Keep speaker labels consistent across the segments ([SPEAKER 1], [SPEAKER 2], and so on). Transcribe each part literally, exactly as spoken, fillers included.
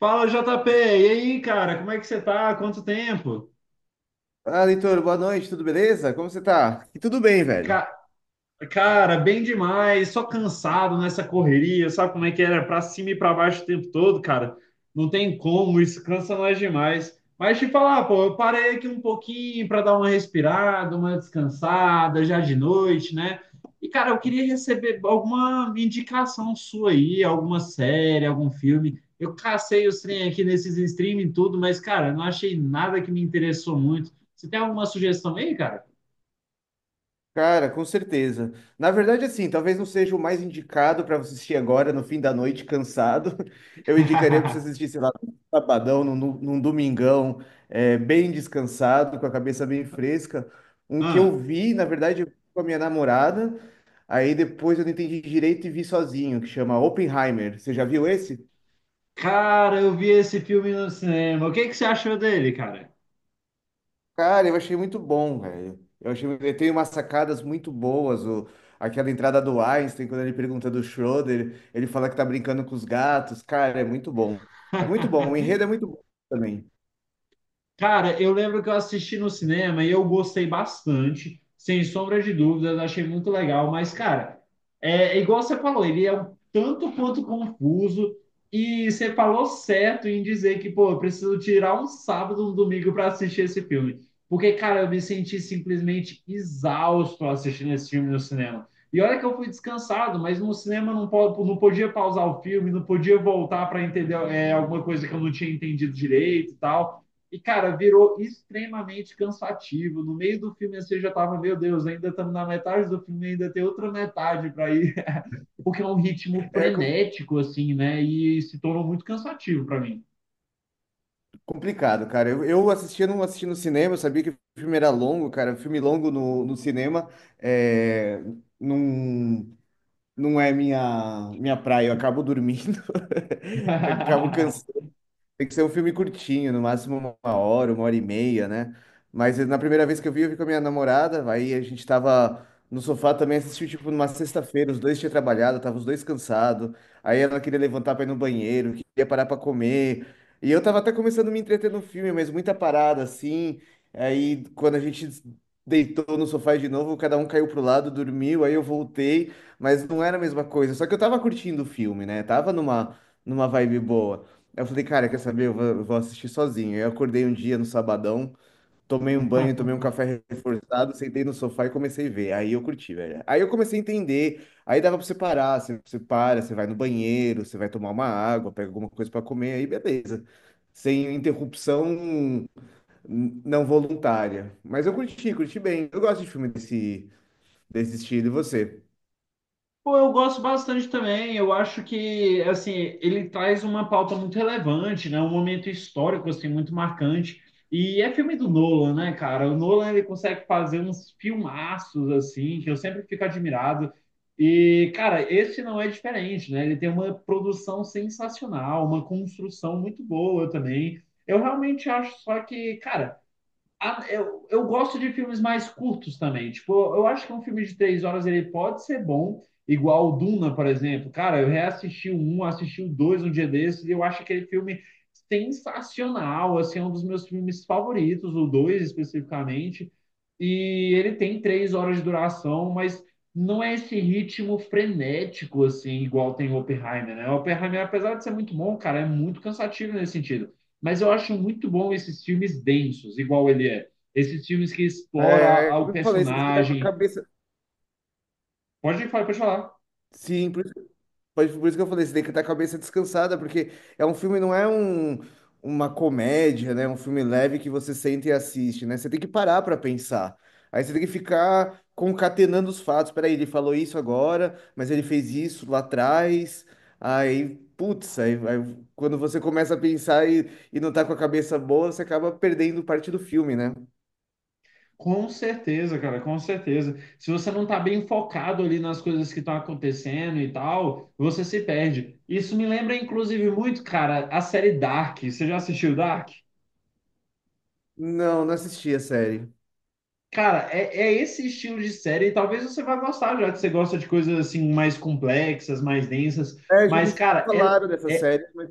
[SPEAKER 1] Fala, jota pê! E aí, cara, como é que você tá? Quanto tempo?
[SPEAKER 2] Ah, Leitor, boa noite, tudo beleza? Como você tá? E tudo bem, velho.
[SPEAKER 1] Ca- Cara, bem demais, só cansado nessa correria, sabe como é que era? Pra cima e pra baixo o tempo todo, cara. Não tem como, isso cansa nós demais. Mas te falar, pô, eu parei aqui um pouquinho para dar uma respirada, uma descansada, já de noite, né? E, cara, eu queria receber alguma indicação sua aí, alguma série, algum filme. Eu cacei os trem aqui nesses streaming e tudo, mas, cara, não achei nada que me interessou muito. Você tem alguma sugestão aí, cara?
[SPEAKER 2] Cara, com certeza. Na verdade, assim, talvez não seja o mais indicado para você assistir agora, no fim da noite, cansado. Eu indicaria para você assistir, sei lá, num sabadão, num, num domingão, é, bem descansado, com a cabeça bem fresca. Um que eu
[SPEAKER 1] Ah.
[SPEAKER 2] vi, na verdade, eu vi com a minha namorada, aí depois eu não entendi direito e vi sozinho, que chama Oppenheimer. Você já viu esse?
[SPEAKER 1] Cara, eu vi esse filme no cinema. O que que você achou dele, cara?
[SPEAKER 2] Cara, eu achei muito bom, velho. Eu achei, ele tem umas sacadas muito boas. O, aquela entrada do Einstein, quando ele pergunta do Schroeder, ele fala que tá brincando com os gatos. Cara, é muito bom. É muito bom. O enredo é muito bom também.
[SPEAKER 1] Cara, eu lembro que eu assisti no cinema e eu gostei bastante, sem sombra de dúvidas, achei muito legal, mas, cara, é é igual você falou, ele é um tanto quanto confuso e você falou certo em dizer que, pô, eu preciso tirar um sábado, um domingo para assistir esse filme, porque, cara, eu me senti simplesmente exausto assistindo esse filme no cinema. E olha que eu fui descansado, mas no cinema não, po- não podia pausar o filme, não podia voltar para entender é, alguma coisa que eu não tinha entendido direito e tal. E, cara, virou extremamente cansativo. No meio do filme, você já tava, meu Deus, ainda estamos na metade do filme, ainda tem outra metade para ir. Porque é um ritmo
[SPEAKER 2] É co-
[SPEAKER 1] frenético, assim, né? E se tornou muito cansativo para mim.
[SPEAKER 2] Complicado, cara. Eu, eu assistia, não assisti no cinema, eu sabia que o filme era longo, cara. Filme longo no, no cinema é, não, não é minha, minha praia. Eu acabo dormindo, acabo. Tem que ser um filme curtinho, no máximo uma hora, uma hora e meia, né? Mas na primeira vez que eu vi, eu vi com a minha namorada, aí a gente tava no sofá também, assistiu tipo numa sexta-feira, os dois tinham trabalhado, tava os dois cansados, aí ela queria levantar pra ir no banheiro, queria parar pra comer, e eu tava até começando a me entreter no filme, mas muita parada assim, aí quando a gente deitou no sofá de novo, cada um caiu pro lado, dormiu, aí eu voltei, mas não era a mesma coisa, só que eu tava curtindo o filme, né? Tava numa, numa vibe boa. Aí eu falei, cara, quer saber? Eu vou, eu vou assistir sozinho. Eu acordei um dia no sabadão, tomei um banho, tomei um café reforçado, sentei no sofá e comecei a ver. Aí eu curti, velho. Aí eu comecei a entender. Aí dava pra você parar, você, você para, você vai no banheiro, você vai tomar uma água, pega alguma coisa pra comer, aí beleza. Sem interrupção hum, não voluntária. Mas eu curti, curti bem. Eu gosto de filme desse, desse estilo, e você?
[SPEAKER 1] Pô, eu gosto bastante também. Eu acho que, assim, ele traz uma pauta muito relevante, né? Um momento histórico, assim, muito marcante. E é filme do Nolan, né, cara? O Nolan, ele consegue fazer uns filmaços, assim, que eu sempre fico admirado. E, cara, esse não é diferente, né? Ele tem uma produção sensacional, uma construção muito boa também. Eu realmente acho só que, cara, a- eu, eu gosto de filmes mais curtos também. Tipo, eu acho que um filme de três horas ele pode ser bom, igual o Duna, por exemplo. Cara, eu reassisti o um, assisti o dois um dia desses e eu acho aquele filme sensacional. Assim, é um dos meus filmes favoritos, o dois especificamente. E ele tem três horas de duração, mas não é esse ritmo frenético, assim, igual tem o Oppenheimer, né? O Oppenheimer, apesar de ser muito bom, cara, é muito cansativo nesse sentido. Mas eu acho muito bom esses filmes densos, igual ele é. Esses filmes que explora
[SPEAKER 2] É,
[SPEAKER 1] a- o
[SPEAKER 2] eu falei, você tem que estar com a
[SPEAKER 1] personagem.
[SPEAKER 2] cabeça.
[SPEAKER 1] Pode falar, pode falar.
[SPEAKER 2] Sim. Pode- Por isso que eu falei, você tem que estar com a cabeça descansada, porque é um filme, não é um, uma comédia, né? É um filme leve que você senta e assiste, né? Você tem que parar para pensar. Aí você tem que ficar concatenando os fatos. Peraí, ele falou isso agora, mas ele fez isso lá atrás. Aí, putz, aí, aí quando você começa a pensar e, e não tá com a cabeça boa, você acaba perdendo parte do filme, né?
[SPEAKER 1] Com certeza, cara, com certeza. Se você não tá bem focado ali nas coisas que estão acontecendo e tal, você se perde. Isso me lembra, inclusive, muito, cara, a série Dark. Você já assistiu Dark?
[SPEAKER 2] Não, não assisti a série.
[SPEAKER 1] Cara, é, é esse estilo de série. E talvez você vá gostar, já que você gosta de coisas assim mais complexas, mais densas.
[SPEAKER 2] É, já
[SPEAKER 1] Mas,
[SPEAKER 2] me
[SPEAKER 1] cara, é,
[SPEAKER 2] falaram dessa série, mas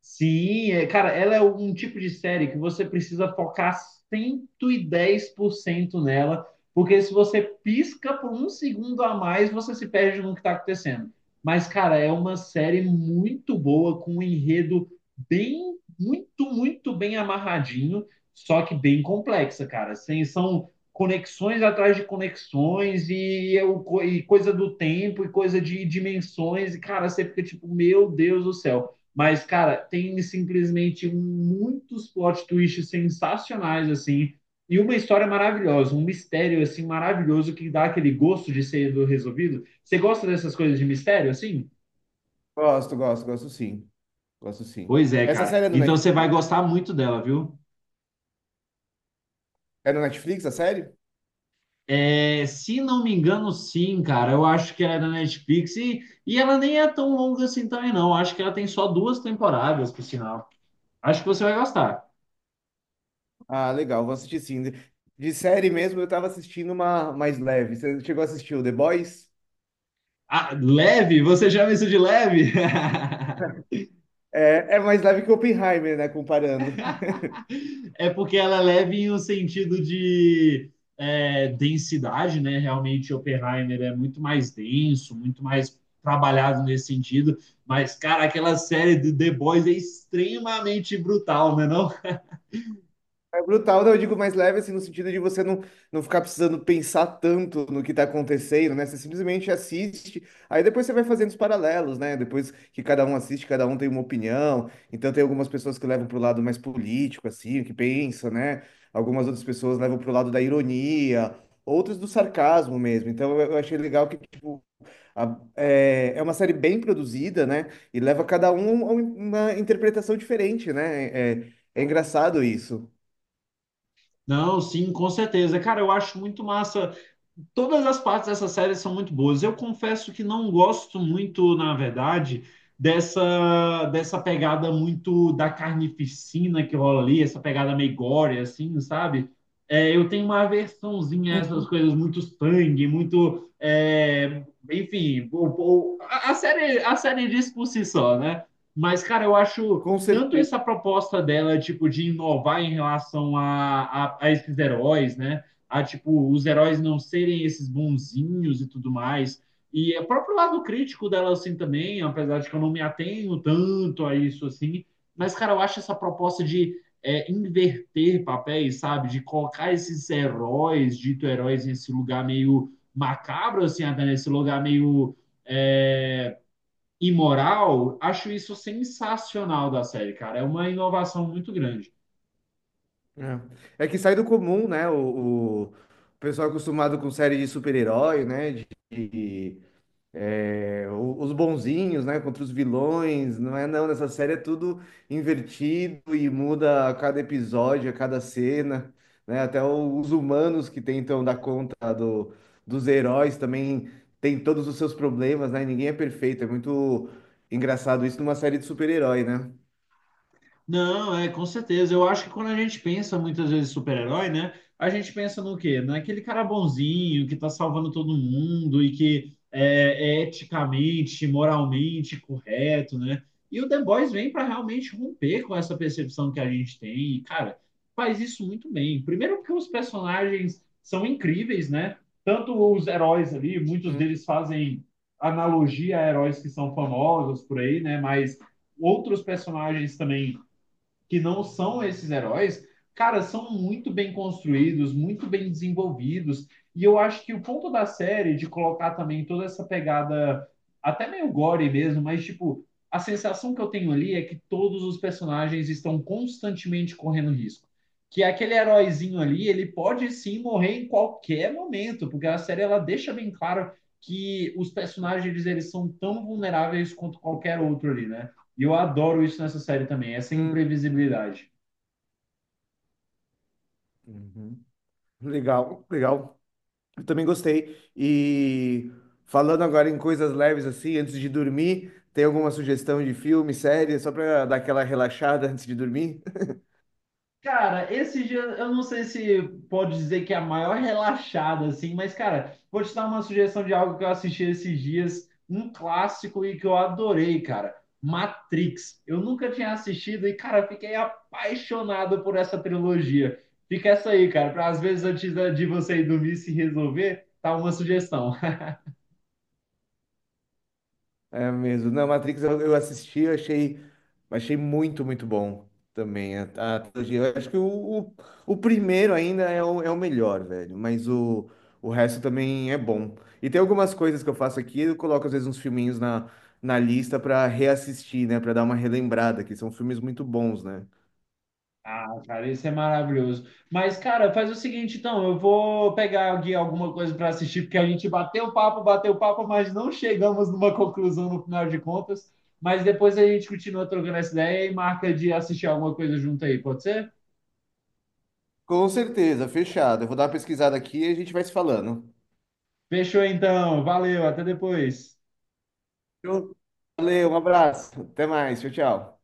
[SPEAKER 1] sim, é, cara, ela é um tipo de série que você precisa focar cento e dez por cento nela, porque se você pisca por um segundo a mais, você se perde no que está acontecendo. Mas, cara, é uma série muito boa, com um enredo bem, muito, muito bem amarradinho, só que bem complexa, cara. Assim, são conexões atrás de conexões e, eu- e coisa do tempo e coisa de dimensões, e, cara, você fica tipo, meu Deus do céu. Mas, cara, tem simplesmente muitos plot twists sensacionais, assim, e uma história maravilhosa, um mistério, assim, maravilhoso que dá aquele gosto de ser resolvido. Você gosta dessas coisas de mistério, assim?
[SPEAKER 2] gosto, gosto, gosto sim. Gosto sim.
[SPEAKER 1] Pois é,
[SPEAKER 2] Essa
[SPEAKER 1] cara.
[SPEAKER 2] série é do
[SPEAKER 1] Então você
[SPEAKER 2] Netflix?
[SPEAKER 1] vai gostar muito dela, viu?
[SPEAKER 2] É na Netflix a série?
[SPEAKER 1] É, se não me engano, sim, cara. Eu acho que ela é da Netflix e, e ela nem é tão longa assim também, não. Acho que ela tem só duas temporadas, por sinal. Acho que você vai gostar.
[SPEAKER 2] Ah, legal, vou assistir sim. De de série mesmo, eu tava assistindo uma mais leve. Você chegou a assistir o The Boys?
[SPEAKER 1] Ah, leve? Você chama isso de leve?
[SPEAKER 2] É, é mais leve que Oppenheimer, né? Comparando.
[SPEAKER 1] É porque ela leva em um sentido de é, densidade, né? Realmente, Oppenheimer é muito mais denso, muito mais trabalhado nesse sentido. Mas, cara, aquela série de The Boys é extremamente brutal, né? Não,
[SPEAKER 2] É brutal, não, eu digo mais leve, assim, no sentido de você não, não ficar precisando pensar tanto no que tá acontecendo, né? Você simplesmente assiste, aí depois você vai fazendo os paralelos, né? Depois que cada um assiste, cada um tem uma opinião. Então tem algumas pessoas que levam pro lado mais político, assim, que pensa, né? Algumas outras pessoas levam pro lado da ironia, outras do sarcasmo mesmo. Então eu eu achei legal que, tipo, a- é, é uma série bem produzida, né? E leva cada um a um- uma interpretação diferente, né? É, é engraçado isso.
[SPEAKER 1] não, sim, com certeza. Cara, eu acho muito massa todas as partes dessa série são muito boas. Eu confesso que não gosto muito, na verdade, dessa dessa pegada muito da carnificina que rola ali, essa pegada meio gore, assim, sabe? É, eu tenho uma aversãozinha a essas coisas, muito sangue, muito. É, enfim, o- o- a, série, a série diz por si só, né? Mas, cara, eu acho
[SPEAKER 2] Com
[SPEAKER 1] tanto essa
[SPEAKER 2] certeza.
[SPEAKER 1] proposta dela, tipo, de inovar em relação a, a, a esses heróis, né? A tipo os heróis não serem esses bonzinhos e tudo mais. E é o próprio lado crítico dela assim também, apesar de que eu não me atenho tanto a isso assim, mas cara, eu acho essa proposta de é, inverter papéis, sabe, de colocar esses heróis, dito heróis nesse lugar meio macabro assim, até nesse lugar meio é, imoral, acho isso sensacional da série, cara. É uma inovação muito grande.
[SPEAKER 2] É. É que sai do comum, né? O, o pessoal acostumado com série de super-herói, né? De, de, é, o- os bonzinhos, né? Contra os vilões. Não é não, nessa série é tudo invertido e muda a cada episódio, a cada cena, né? Até o- os humanos que tentam dar conta do, dos heróis também têm todos os seus problemas, né? Ninguém é perfeito. É muito engraçado isso numa série de super-herói, né?
[SPEAKER 1] Não, é, com certeza. Eu acho que quando a gente pensa muitas vezes em super-herói, né? A gente pensa no quê? Naquele cara bonzinho que tá salvando todo mundo e que é, é eticamente, moralmente correto, né? E o The Boys vem para realmente romper com essa percepção que a gente tem. E, cara, faz isso muito bem. Primeiro porque os personagens são incríveis, né? Tanto os heróis ali, muitos
[SPEAKER 2] Hum,
[SPEAKER 1] deles fazem analogia a heróis que são famosos por aí, né? Mas outros personagens também que não são esses heróis, cara, são muito bem construídos, muito bem desenvolvidos. E eu acho que o ponto da série de colocar também toda essa pegada, até meio gore mesmo, mas tipo, a sensação que eu tenho ali é que todos os personagens estão constantemente correndo risco. Que aquele heróizinho ali, ele pode sim morrer em qualquer momento, porque a série ela deixa bem claro que os personagens eles são tão vulneráveis quanto qualquer outro ali, né? E eu adoro isso nessa série também, essa
[SPEAKER 2] hum.
[SPEAKER 1] imprevisibilidade.
[SPEAKER 2] Uhum. Legal, legal. Eu também gostei. E falando agora em coisas leves assim, antes de dormir, tem alguma sugestão de filme, série, só para dar aquela relaxada antes de dormir?
[SPEAKER 1] Cara, esse dia, eu não sei se pode dizer que é a maior relaxada, assim, mas, cara, vou te dar uma sugestão de algo que eu assisti esses dias, um clássico e que eu adorei, cara. Matrix. Eu nunca tinha assistido e, cara, fiquei apaixonado por essa trilogia. Fica essa aí, cara, para às vezes antes da- de você ir dormir se resolver, tá uma sugestão.
[SPEAKER 2] É mesmo. Não, Matrix eu, eu assisti, eu achei, achei muito, muito bom também a, a trilogia. Eu acho que o, o, o primeiro ainda é o, é o melhor, velho, mas o, o resto também é bom. E tem algumas coisas que eu faço aqui, eu coloco às vezes uns filminhos na, na lista pra reassistir, né? Pra dar uma relembrada, que são filmes muito bons, né?
[SPEAKER 1] Ah, cara, isso é maravilhoso. Mas, cara, faz o seguinte, então, eu vou pegar aqui alguma coisa para assistir, porque a gente bateu papo, bateu papo, mas não chegamos numa conclusão no final de contas. Mas depois a gente continua trocando essa ideia e marca de assistir alguma coisa junto aí, pode ser?
[SPEAKER 2] Com certeza, fechado. Eu vou dar uma pesquisada aqui e a gente vai se falando.
[SPEAKER 1] Fechou então, valeu, até depois.
[SPEAKER 2] Então, valeu, um abraço. Até mais. Tchau, tchau.